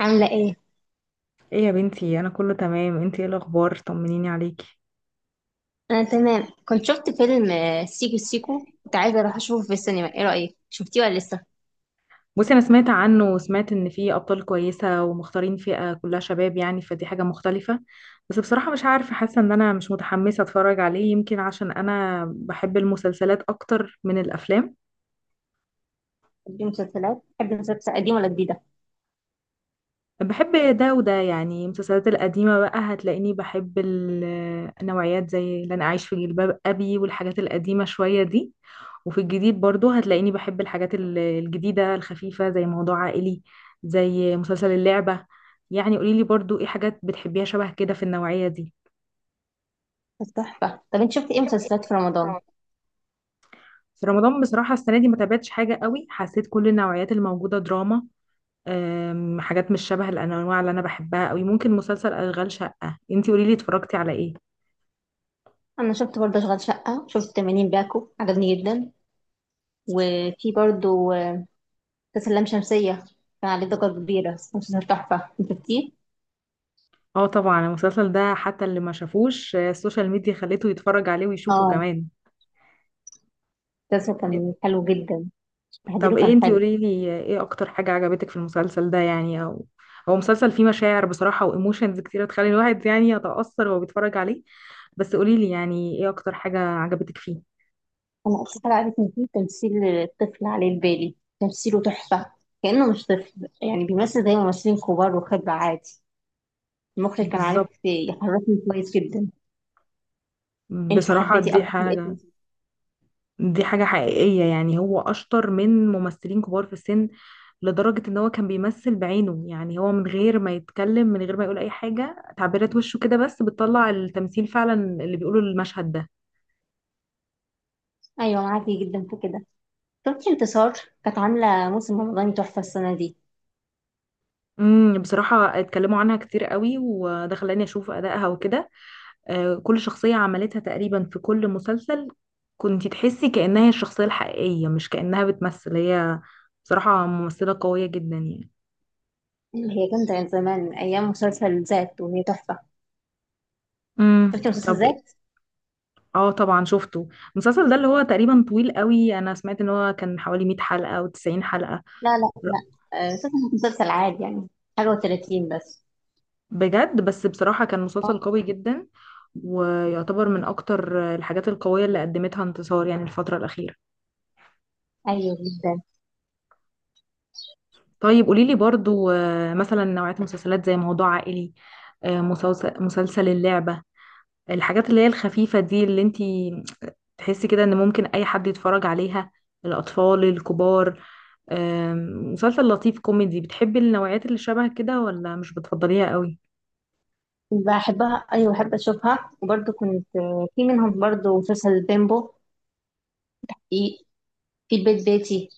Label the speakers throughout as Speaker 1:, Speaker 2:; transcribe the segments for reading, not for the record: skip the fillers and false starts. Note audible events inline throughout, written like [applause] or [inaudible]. Speaker 1: عاملة ايه؟
Speaker 2: ايه يا بنتي، انا كله تمام. انتي ايه الاخبار؟ طمنيني عليكي.
Speaker 1: أنا تمام كنت شفت فيلم سيكو سيكو، كنت عايزة أروح أشوفه في السينما، ايه رأيك؟ شفتيه ولا لسه؟
Speaker 2: بصي، انا سمعت عنه وسمعت ان فيه ابطال كويسه ومختارين فئه كلها شباب، يعني فدي حاجه مختلفه. بس بصراحه مش عارفه، حاسه ان انا مش متحمسه اتفرج عليه، يمكن عشان انا بحب المسلسلات اكتر من الافلام.
Speaker 1: دي مسلسلات، بحب المسلسلات قديمة ولا جديدة؟
Speaker 2: بحب ده وده. يعني المسلسلات القديمة بقى هتلاقيني بحب النوعيات، زي اللي أنا أعيش في جلباب أبي والحاجات القديمة شوية دي. وفي الجديد برضو هتلاقيني بحب الحاجات الجديدة الخفيفة، زي موضوع عائلي، زي مسلسل اللعبة. يعني قوليلي برضو، ايه حاجات بتحبيها شبه كده في النوعية دي؟
Speaker 1: بس تحفة. طب انت شفت ايه مسلسلات في رمضان؟
Speaker 2: في رمضان بصراحة السنة دي ما تابعتش حاجة قوي، حسيت كل النوعيات الموجودة دراما. حاجات مش شبه الأنواع اللي أنا بحبها قوي. ممكن مسلسل أشغال شقة. انتي قوليلي، اتفرجتي على ايه؟
Speaker 1: أنا شفت برضه أشغال شقة، شفت 80 باكو، عجبني جدا. وفي برضه مسلسل لام شمسية، كان عليه ضجة كبيرة، بس مسلسل تحفة، انت شفتيه؟
Speaker 2: اه طبعا، المسلسل ده حتى اللي ما شافوش السوشيال ميديا خليته يتفرج عليه ويشوفه
Speaker 1: اه،
Speaker 2: كمان.
Speaker 1: المسلسل
Speaker 2: إيه.
Speaker 1: كان حلو جدا،
Speaker 2: طب
Speaker 1: تحضيره
Speaker 2: ايه،
Speaker 1: كان
Speaker 2: انتي
Speaker 1: حلو.
Speaker 2: قوليلي ايه اكتر حاجة عجبتك في المسلسل ده، يعني او هو مسلسل فيه مشاعر بصراحة، وايموشنز كتيرة تخلي الواحد يعني يتأثر وهو بيتفرج عليه. بس قوليلي يعني ايه اكتر حاجة عجبتك فيه؟
Speaker 1: انا اصلا عارف ان في تمثيل الطفل عليه البالي، تمثيله تحفه. كانه مش طفل، يعني بيمثل زي ممثلين كبار وخبره عادي. المخرج كان عارف
Speaker 2: بالظبط.
Speaker 1: يحركني كويس جدا. انت
Speaker 2: بصراحة
Speaker 1: حبيتي
Speaker 2: دي
Speaker 1: اكتر حلقه
Speaker 2: حاجة،
Speaker 1: فيه؟
Speaker 2: دي حاجة حقيقية. يعني هو أشطر من ممثلين كبار في السن، لدرجة إن هو كان بيمثل بعينه. يعني هو من غير ما يتكلم، من غير ما يقول أي حاجة، تعبيرات وشه كده بس بتطلع التمثيل فعلا اللي بيقوله المشهد ده.
Speaker 1: ايوه، معاكي جدا في كده. شفتي انتصار؟ كانت عامله موسم رمضاني تحفه السنه دي،
Speaker 2: بصراحة اتكلموا عنها كتير قوي، وده خلاني أشوف أدائها وكده. كل شخصية عملتها تقريبا في كل مسلسل كنت تحسي كأنها هي الشخصية الحقيقية، مش كأنها بتمثل هي. بصراحة ممثلة قوية جدا يعني.
Speaker 1: اللي هي كانت من زمان من ايام مسلسل ذات، وهي تحفه. شفتي
Speaker 2: طب.
Speaker 1: مسلسل ذات؟
Speaker 2: اه طبعا شفته. المسلسل ده اللي هو تقريبا طويل قوي، انا سمعت ان هو كان حوالي 100 حلقة او 90 حلقة.
Speaker 1: لا، لا، لا، مسلسل عادي يعني، حاجه و30 بس.
Speaker 2: بجد. بس بصراحة كان مسلسل
Speaker 1: اه.
Speaker 2: قوي جدا، ويعتبر من اكتر الحاجات القوية اللي قدمتها انتصار يعني الفترة الأخيرة.
Speaker 1: ايوه جدا.
Speaker 2: طيب قوليلي برضو مثلا نوعية مسلسلات زي موضوع عائلي، مسلسل اللعبة، الحاجات اللي هي الخفيفة دي، اللي انتي تحسي كده ان ممكن اي حد يتفرج عليها، الأطفال، الكبار. آم، مسلسل لطيف كوميدي، بتحبي النوعيات اللي شبه كده ولا مش بتفضليها قوي؟
Speaker 1: بحبها، ايوه، بحب اشوفها، وبرضه كنت، في منهم برضه مسلسل بيمبو، في في البيت بيتي،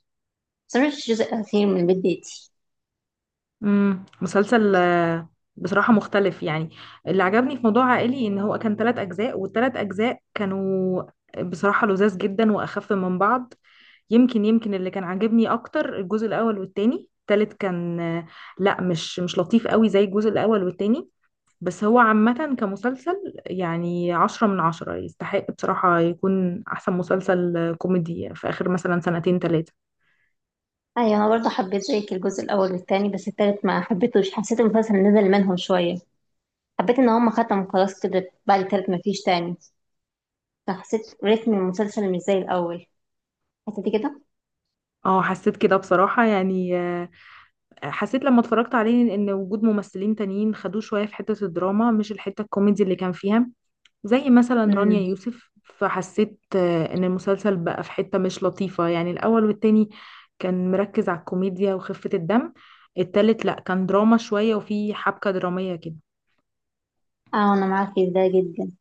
Speaker 1: بس أنا مش الجزء الاخير من البيت بيتي.
Speaker 2: مسلسل بصراحة مختلف يعني. اللي عجبني في موضوع عائلي ان هو كان 3 اجزاء، والثلاث اجزاء كانوا بصراحة لذاذ جدا واخف من بعض. يمكن اللي كان عاجبني اكتر الجزء الاول والتاني. التالت كان لا، مش لطيف قوي زي الجزء الاول والتاني. بس هو عامة كمسلسل يعني 10 من 10، يستحق بصراحة يكون أحسن مسلسل كوميدي في آخر مثلا سنتين تلاتة.
Speaker 1: ايوه، انا برضه حبيت زيك الجزء الاول والتاني، بس التالت ما حبيتهوش، حسيت المسلسل نزل منهم شويه. حبيت ان هم ختموا خلاص كده بعد التالت، ما فيش تاني، فحسيت رتم المسلسل مش زي الاول. حسيتي كده؟
Speaker 2: اه حسيت كده بصراحة يعني. حسيت لما اتفرجت عليه إن وجود ممثلين تانيين خدوه شوية في حتة الدراما، مش الحتة الكوميدي اللي كان فيها، زي مثلا رانيا
Speaker 1: امم.
Speaker 2: يوسف. فحسيت إن المسلسل بقى في حتة مش لطيفة. يعني الأول والتاني كان مركز على الكوميديا وخفة الدم. التالت لأ، كان دراما شوية وفي حبكة درامية كده.
Speaker 1: اه، انا معاكي في ده جدا.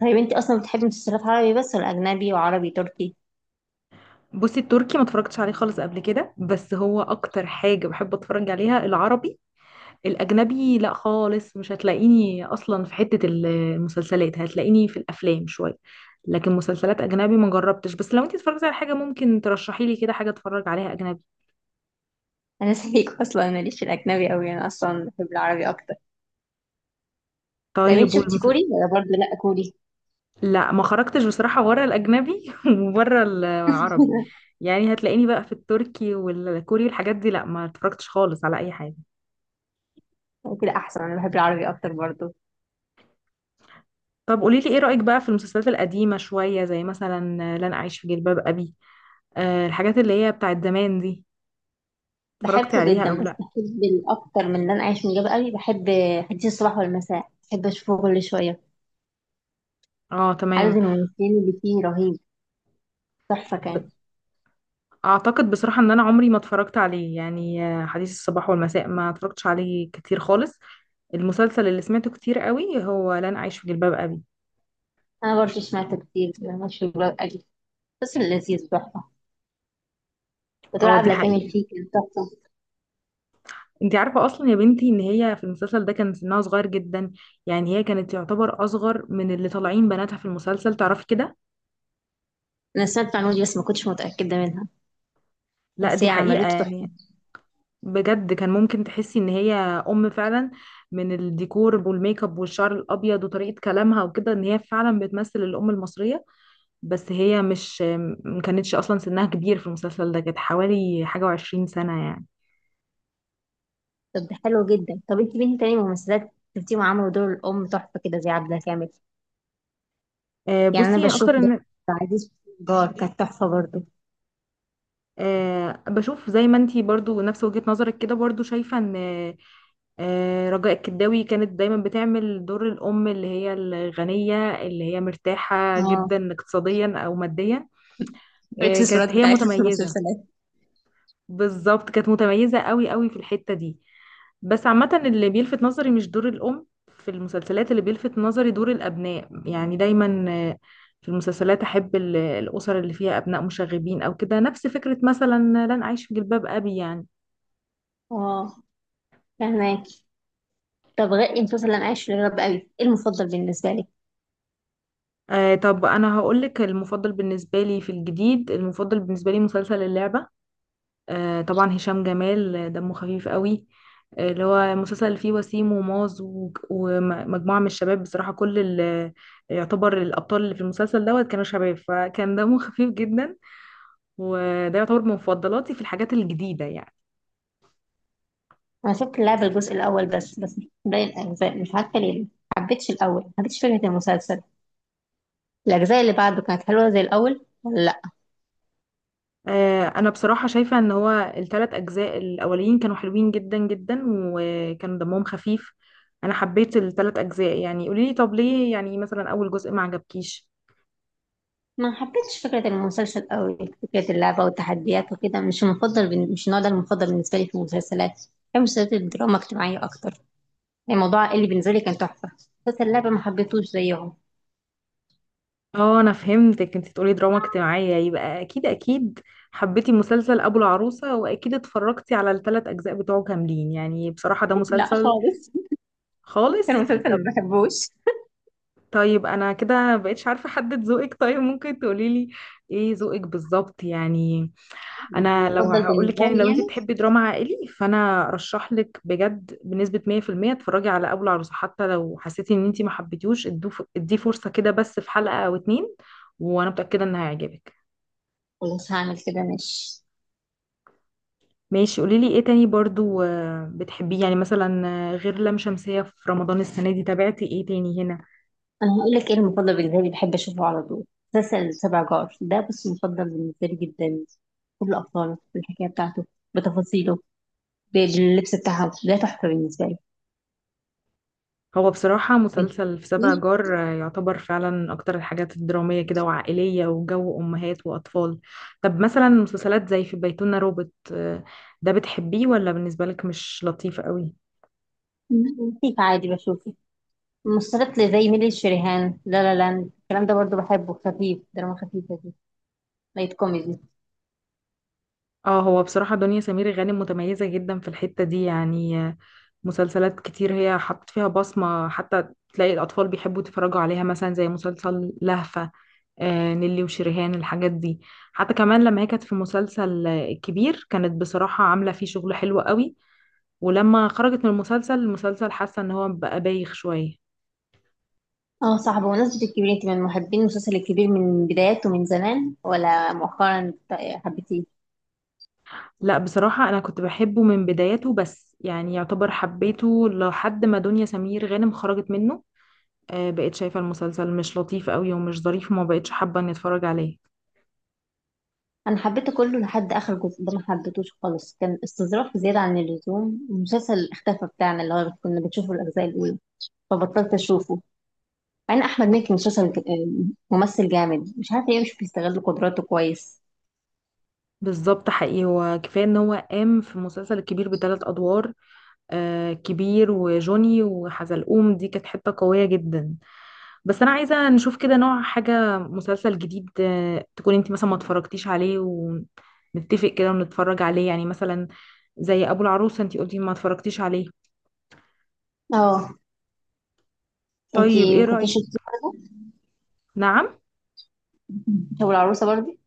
Speaker 1: طيب انت اصلا بتحبي مسلسلات عربي بس، ولا اجنبي وعربي تركي؟
Speaker 2: بصي، التركي ما اتفرجتش عليه خالص قبل كده، بس هو اكتر حاجة بحب اتفرج عليها العربي. الاجنبي لا خالص، مش هتلاقيني اصلا في حتة المسلسلات، هتلاقيني في الافلام شوية. لكن مسلسلات اجنبي ما جربتش، بس لو انت اتفرجتي على حاجة ممكن ترشحي لي كده حاجة اتفرج عليها اجنبي.
Speaker 1: انا [laughs] زيك اصلا ماليش في الاجنبي قوي، انا اصلا بحب العربي اكتر. طيب انت
Speaker 2: طيب
Speaker 1: شفتي كوري ولا برضه لا كوري؟
Speaker 2: لا، ما خرجتش بصراحة بره الاجنبي [laughs] وبره العربي.
Speaker 1: [laughs]
Speaker 2: يعني هتلاقيني بقى في التركي والكوري والحاجات دي. لا ما اتفرجتش خالص على اي حاجة.
Speaker 1: كده احسن، انا بحب العربي اكتر برضه.
Speaker 2: طب قولي لي، ايه رأيك بقى في المسلسلات القديمة شوية، زي مثلا لن أعيش في جلباب أبي، الحاجات اللي هي بتاعت زمان دي، اتفرجتي
Speaker 1: بحبه
Speaker 2: عليها أو
Speaker 1: جدا، بس
Speaker 2: لأ؟
Speaker 1: بحب الاكتر من اللي انا عايش من جنب قوي، بحب حديث الصباح والمساء، بحب اشوفه كل شويه.
Speaker 2: اه
Speaker 1: عدد
Speaker 2: تمام.
Speaker 1: الممثلين اللي فيه رهيب، تحفه
Speaker 2: ب-
Speaker 1: كان.
Speaker 2: اعتقد بصراحة ان انا عمري ما اتفرجت عليه، يعني حديث الصباح والمساء ما اتفرجتش عليه كتير خالص. المسلسل اللي سمعته كتير قوي هو لن أعيش في جلباب أبي.
Speaker 1: انا برضه سمعت كتير، مش قوي، بس لذيذ، تحفه. بتقول
Speaker 2: اه، دي
Speaker 1: عبلة كامل
Speaker 2: حقيقة.
Speaker 1: فيه كان تحفه.
Speaker 2: انتي عارفة اصلا يا بنتي ان هي في المسلسل ده كان سنها صغير جدا؟ يعني هي كانت تعتبر اصغر من اللي طالعين بناتها في المسلسل، تعرفي كده.
Speaker 1: انا سمعت المعلومه دي، بس ما كنتش متاكده منها.
Speaker 2: لا،
Speaker 1: بس
Speaker 2: دي
Speaker 1: هي
Speaker 2: حقيقة
Speaker 1: عملته تحفه.
Speaker 2: يعني. بجد، كان ممكن تحسي ان هي ام فعلا، من الديكور والميك اب والشعر الابيض وطريقه كلامها وكده، ان هي فعلا بتمثل الام المصريه. بس هي مش، ما كانتش اصلا سنها كبير في المسلسل ده، كانت حوالي 21 سنه يعني.
Speaker 1: طب ده حلو جدا، طب انت مين تاني ممثلات شفتيهم عملوا دور الام تحفه كده زي عبلة كامل؟ يعني انا
Speaker 2: بصي
Speaker 1: بشوف
Speaker 2: اكتر
Speaker 1: ده،
Speaker 2: ان
Speaker 1: عزيز جار كانت تحفه برضو.
Speaker 2: بشوف زي ما انتي برضو نفس وجهه نظرك كده، برضو شايفه ان رجاء الكداوي كانت دايما بتعمل دور الام، اللي هي الغنيه، اللي هي مرتاحه
Speaker 1: اه،
Speaker 2: جدا اقتصاديا او ماديا. كانت
Speaker 1: الاكسسوارات
Speaker 2: هي
Speaker 1: بتاعتها في
Speaker 2: متميزه.
Speaker 1: المسلسلات.
Speaker 2: بالظبط، كانت متميزة قوي قوي في الحتة دي. بس عامة اللي بيلفت نظري مش دور الأم في المسلسلات، اللي بيلفت نظري دور الأبناء. يعني دايما في المسلسلات أحب الأسر اللي فيها أبناء مشاغبين أو كده، نفس فكرة مثلا لن أعيش في جلباب أبي يعني.
Speaker 1: اه، فهماك. طب غير المسلسل اللي انا عايش في الرب قوي، ايه المفضل بالنسبه لي؟
Speaker 2: طب أنا هقولك المفضل بالنسبة لي في الجديد، المفضل بالنسبة لي مسلسل اللعبة. طبعا هشام جمال دمه خفيف قوي. اللي هو مسلسل اللي فيه وسيم وماز ومجموعة من الشباب، بصراحة كل يعتبر الأبطال اللي في المسلسل دوت كانوا شباب، فكان دمه [laughs] خفيف جدا. وده يعتبر من مفضلاتي في الحاجات الجديدة يعني.
Speaker 1: انا شفت لعبه الجزء الاول بس، مش باقي الاجزاء، مش عارفه ليه ما حبيتش الاول، ما حبيتش فكره المسلسل. الاجزاء اللي بعده كانت حلوه زي الاول ولا لا؟
Speaker 2: أنا بصراحة شايفة إن هو الـ3 أجزاء الأولين كانوا حلوين جدا جدا وكانوا دمهم خفيف. أنا حبيت الـ3 أجزاء. يعني قوليلي طب ليه يعني مثلا أول جزء ما عجبكيش؟
Speaker 1: ما حبيتش فكره المسلسل قوي، فكره اللعبه والتحديات وكده مش المفضل مش النوع ده المفضل بالنسبه لي في المسلسلات. بحب مسلسلات الدراما الاجتماعيه اكتر، الموضوع اللي بالنسبه لي كان تحفه. مسلسل اللعبه ما حبيتهوش زيهم.
Speaker 2: اه، انا فهمتك. انت تقولي دراما اجتماعية، يبقى اكيد اكيد حبيتي مسلسل ابو العروسة، واكيد اتفرجتي على الـ3 اجزاء بتوعه كاملين. يعني بصراحة ده
Speaker 1: [laughs] لا
Speaker 2: مسلسل
Speaker 1: خالص، كان
Speaker 2: خالص.
Speaker 1: مسلسل
Speaker 2: طب،
Speaker 1: ما بحبوش.
Speaker 2: طيب انا كده مبقتش عارفة احدد ذوقك. طيب ممكن تقوليلي ايه ذوقك بالظبط يعني؟ انا لو
Speaker 1: المفضل
Speaker 2: هقولك،
Speaker 1: بالنسبه
Speaker 2: يعني
Speaker 1: لي
Speaker 2: لو انت
Speaker 1: يعني.
Speaker 2: بتحبي دراما عائلي، فانا ارشح لك بجد بنسبة 100% اتفرجي على ابو العروسة. حتى لو حسيتي ان انت ما حبيتيهوش، اديه فرصة كده بس في حلقة او اتنين، وانا متأكدة ان هيعجبك.
Speaker 1: خلاص هعمل كده، ماشي.
Speaker 2: ماشي. قوليلي ايه تاني برضو بتحبيه، يعني مثلا، غير لام شمسية، في رمضان السنة دي تابعتي ايه تاني هنا؟
Speaker 1: انا هقول لك ايه المفضل بالنسبه لي، بحب اشوفه على طول، مسلسل سبع جار ده بس مفضل بالنسبه لي جدا. كل ابطاله، بالحكايه بتاعته، بتفاصيله، باللبس بتاعهم، ده تحفه بالنسبه لي.
Speaker 2: هو بصراحة
Speaker 1: إيه؟
Speaker 2: مسلسل في سبع جار يعتبر فعلا اكتر الحاجات الدرامية كده وعائلية وجو امهات واطفال. طب مثلا مسلسلات زي في بيتنا روبوت ده بتحبيه ولا بالنسبة لك مش لطيف قوي؟
Speaker 1: لطيف عادي بشوفه. مسلسلات زي ميلي الشريهان، لا لا لاند، الكلام ده برضو بحبه، خفيف، دراما خفيفه دي، لايت كوميدي.
Speaker 2: اه، هو بصراحة دنيا سمير غانم متميزة جدا في الحتة دي يعني. مسلسلات كتير هي حطت فيها بصمة، حتى تلاقي الأطفال بيحبوا يتفرجوا عليها، مثلا زي مسلسل لهفة، نيلي وشريهان، الحاجات دي. حتى كمان لما هي كانت في مسلسل الكبير، كانت بصراحة عاملة فيه شغل حلو قوي. ولما خرجت من المسلسل، حاسة ان هو بقى بايخ شوية.
Speaker 1: اه صح، بمناسبة الكبير، انت من محبين المسلسل الكبير من بداياته من زمان، ولا مؤخرا حبيتيه؟
Speaker 2: لا، بصراحة انا كنت بحبه من بدايته، بس يعني يعتبر حبيته لحد ما دنيا سمير غانم خرجت منه. بقيت شايفة المسلسل مش لطيف قوي ومش ظريف، وما بقتش حابة اني اتفرج عليه.
Speaker 1: انا حبيته كله لحد اخر جزء ده، ما حبيتوش خالص، كان استظراف زيادة عن اللزوم. المسلسل اختفى بتاعنا اللي هو كنا بنشوفه الاجزاء الاولى، فبطلت اشوفه. مع ان احمد مكي مسلسل ممثل جامد، مش عارفة ليه مش بيستغل قدراته كويس.
Speaker 2: بالظبط، حقيقي. هو كفاية ان هو قام في المسلسل الكبير بـ3 ادوار، كبير وجوني وحزلقوم. دي كانت حتة قوية جدا. بس أنا عايزة نشوف كده نوع حاجة مسلسل جديد، تكون انت مثلا ما اتفرجتيش عليه، ونتفق كده ونتفرج عليه يعني، مثلا زي أبو العروسة. انت قلتي ما اتفرجتيش عليه.
Speaker 1: اه.
Speaker 2: طيب
Speaker 1: انتي
Speaker 2: ايه
Speaker 1: ما كنتيش
Speaker 2: رأيك؟
Speaker 1: شفتيه برضه؟
Speaker 2: نعم؟
Speaker 1: شو العروسة برضه؟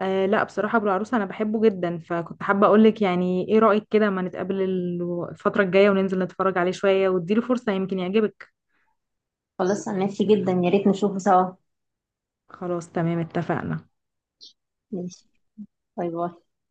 Speaker 2: لا، بصراحة أبو العروسة أنا بحبه جدا، فكنت حابة أقولك يعني ايه رأيك كده ما نتقابل الفترة الجاية وننزل نتفرج عليه شوية، واديله فرصة يمكن يعجبك.
Speaker 1: خلاص، انا نفسي جدا، يا ريت نشوفه سوا.
Speaker 2: خلاص، تمام، اتفقنا.
Speaker 1: ماشي. باي باي.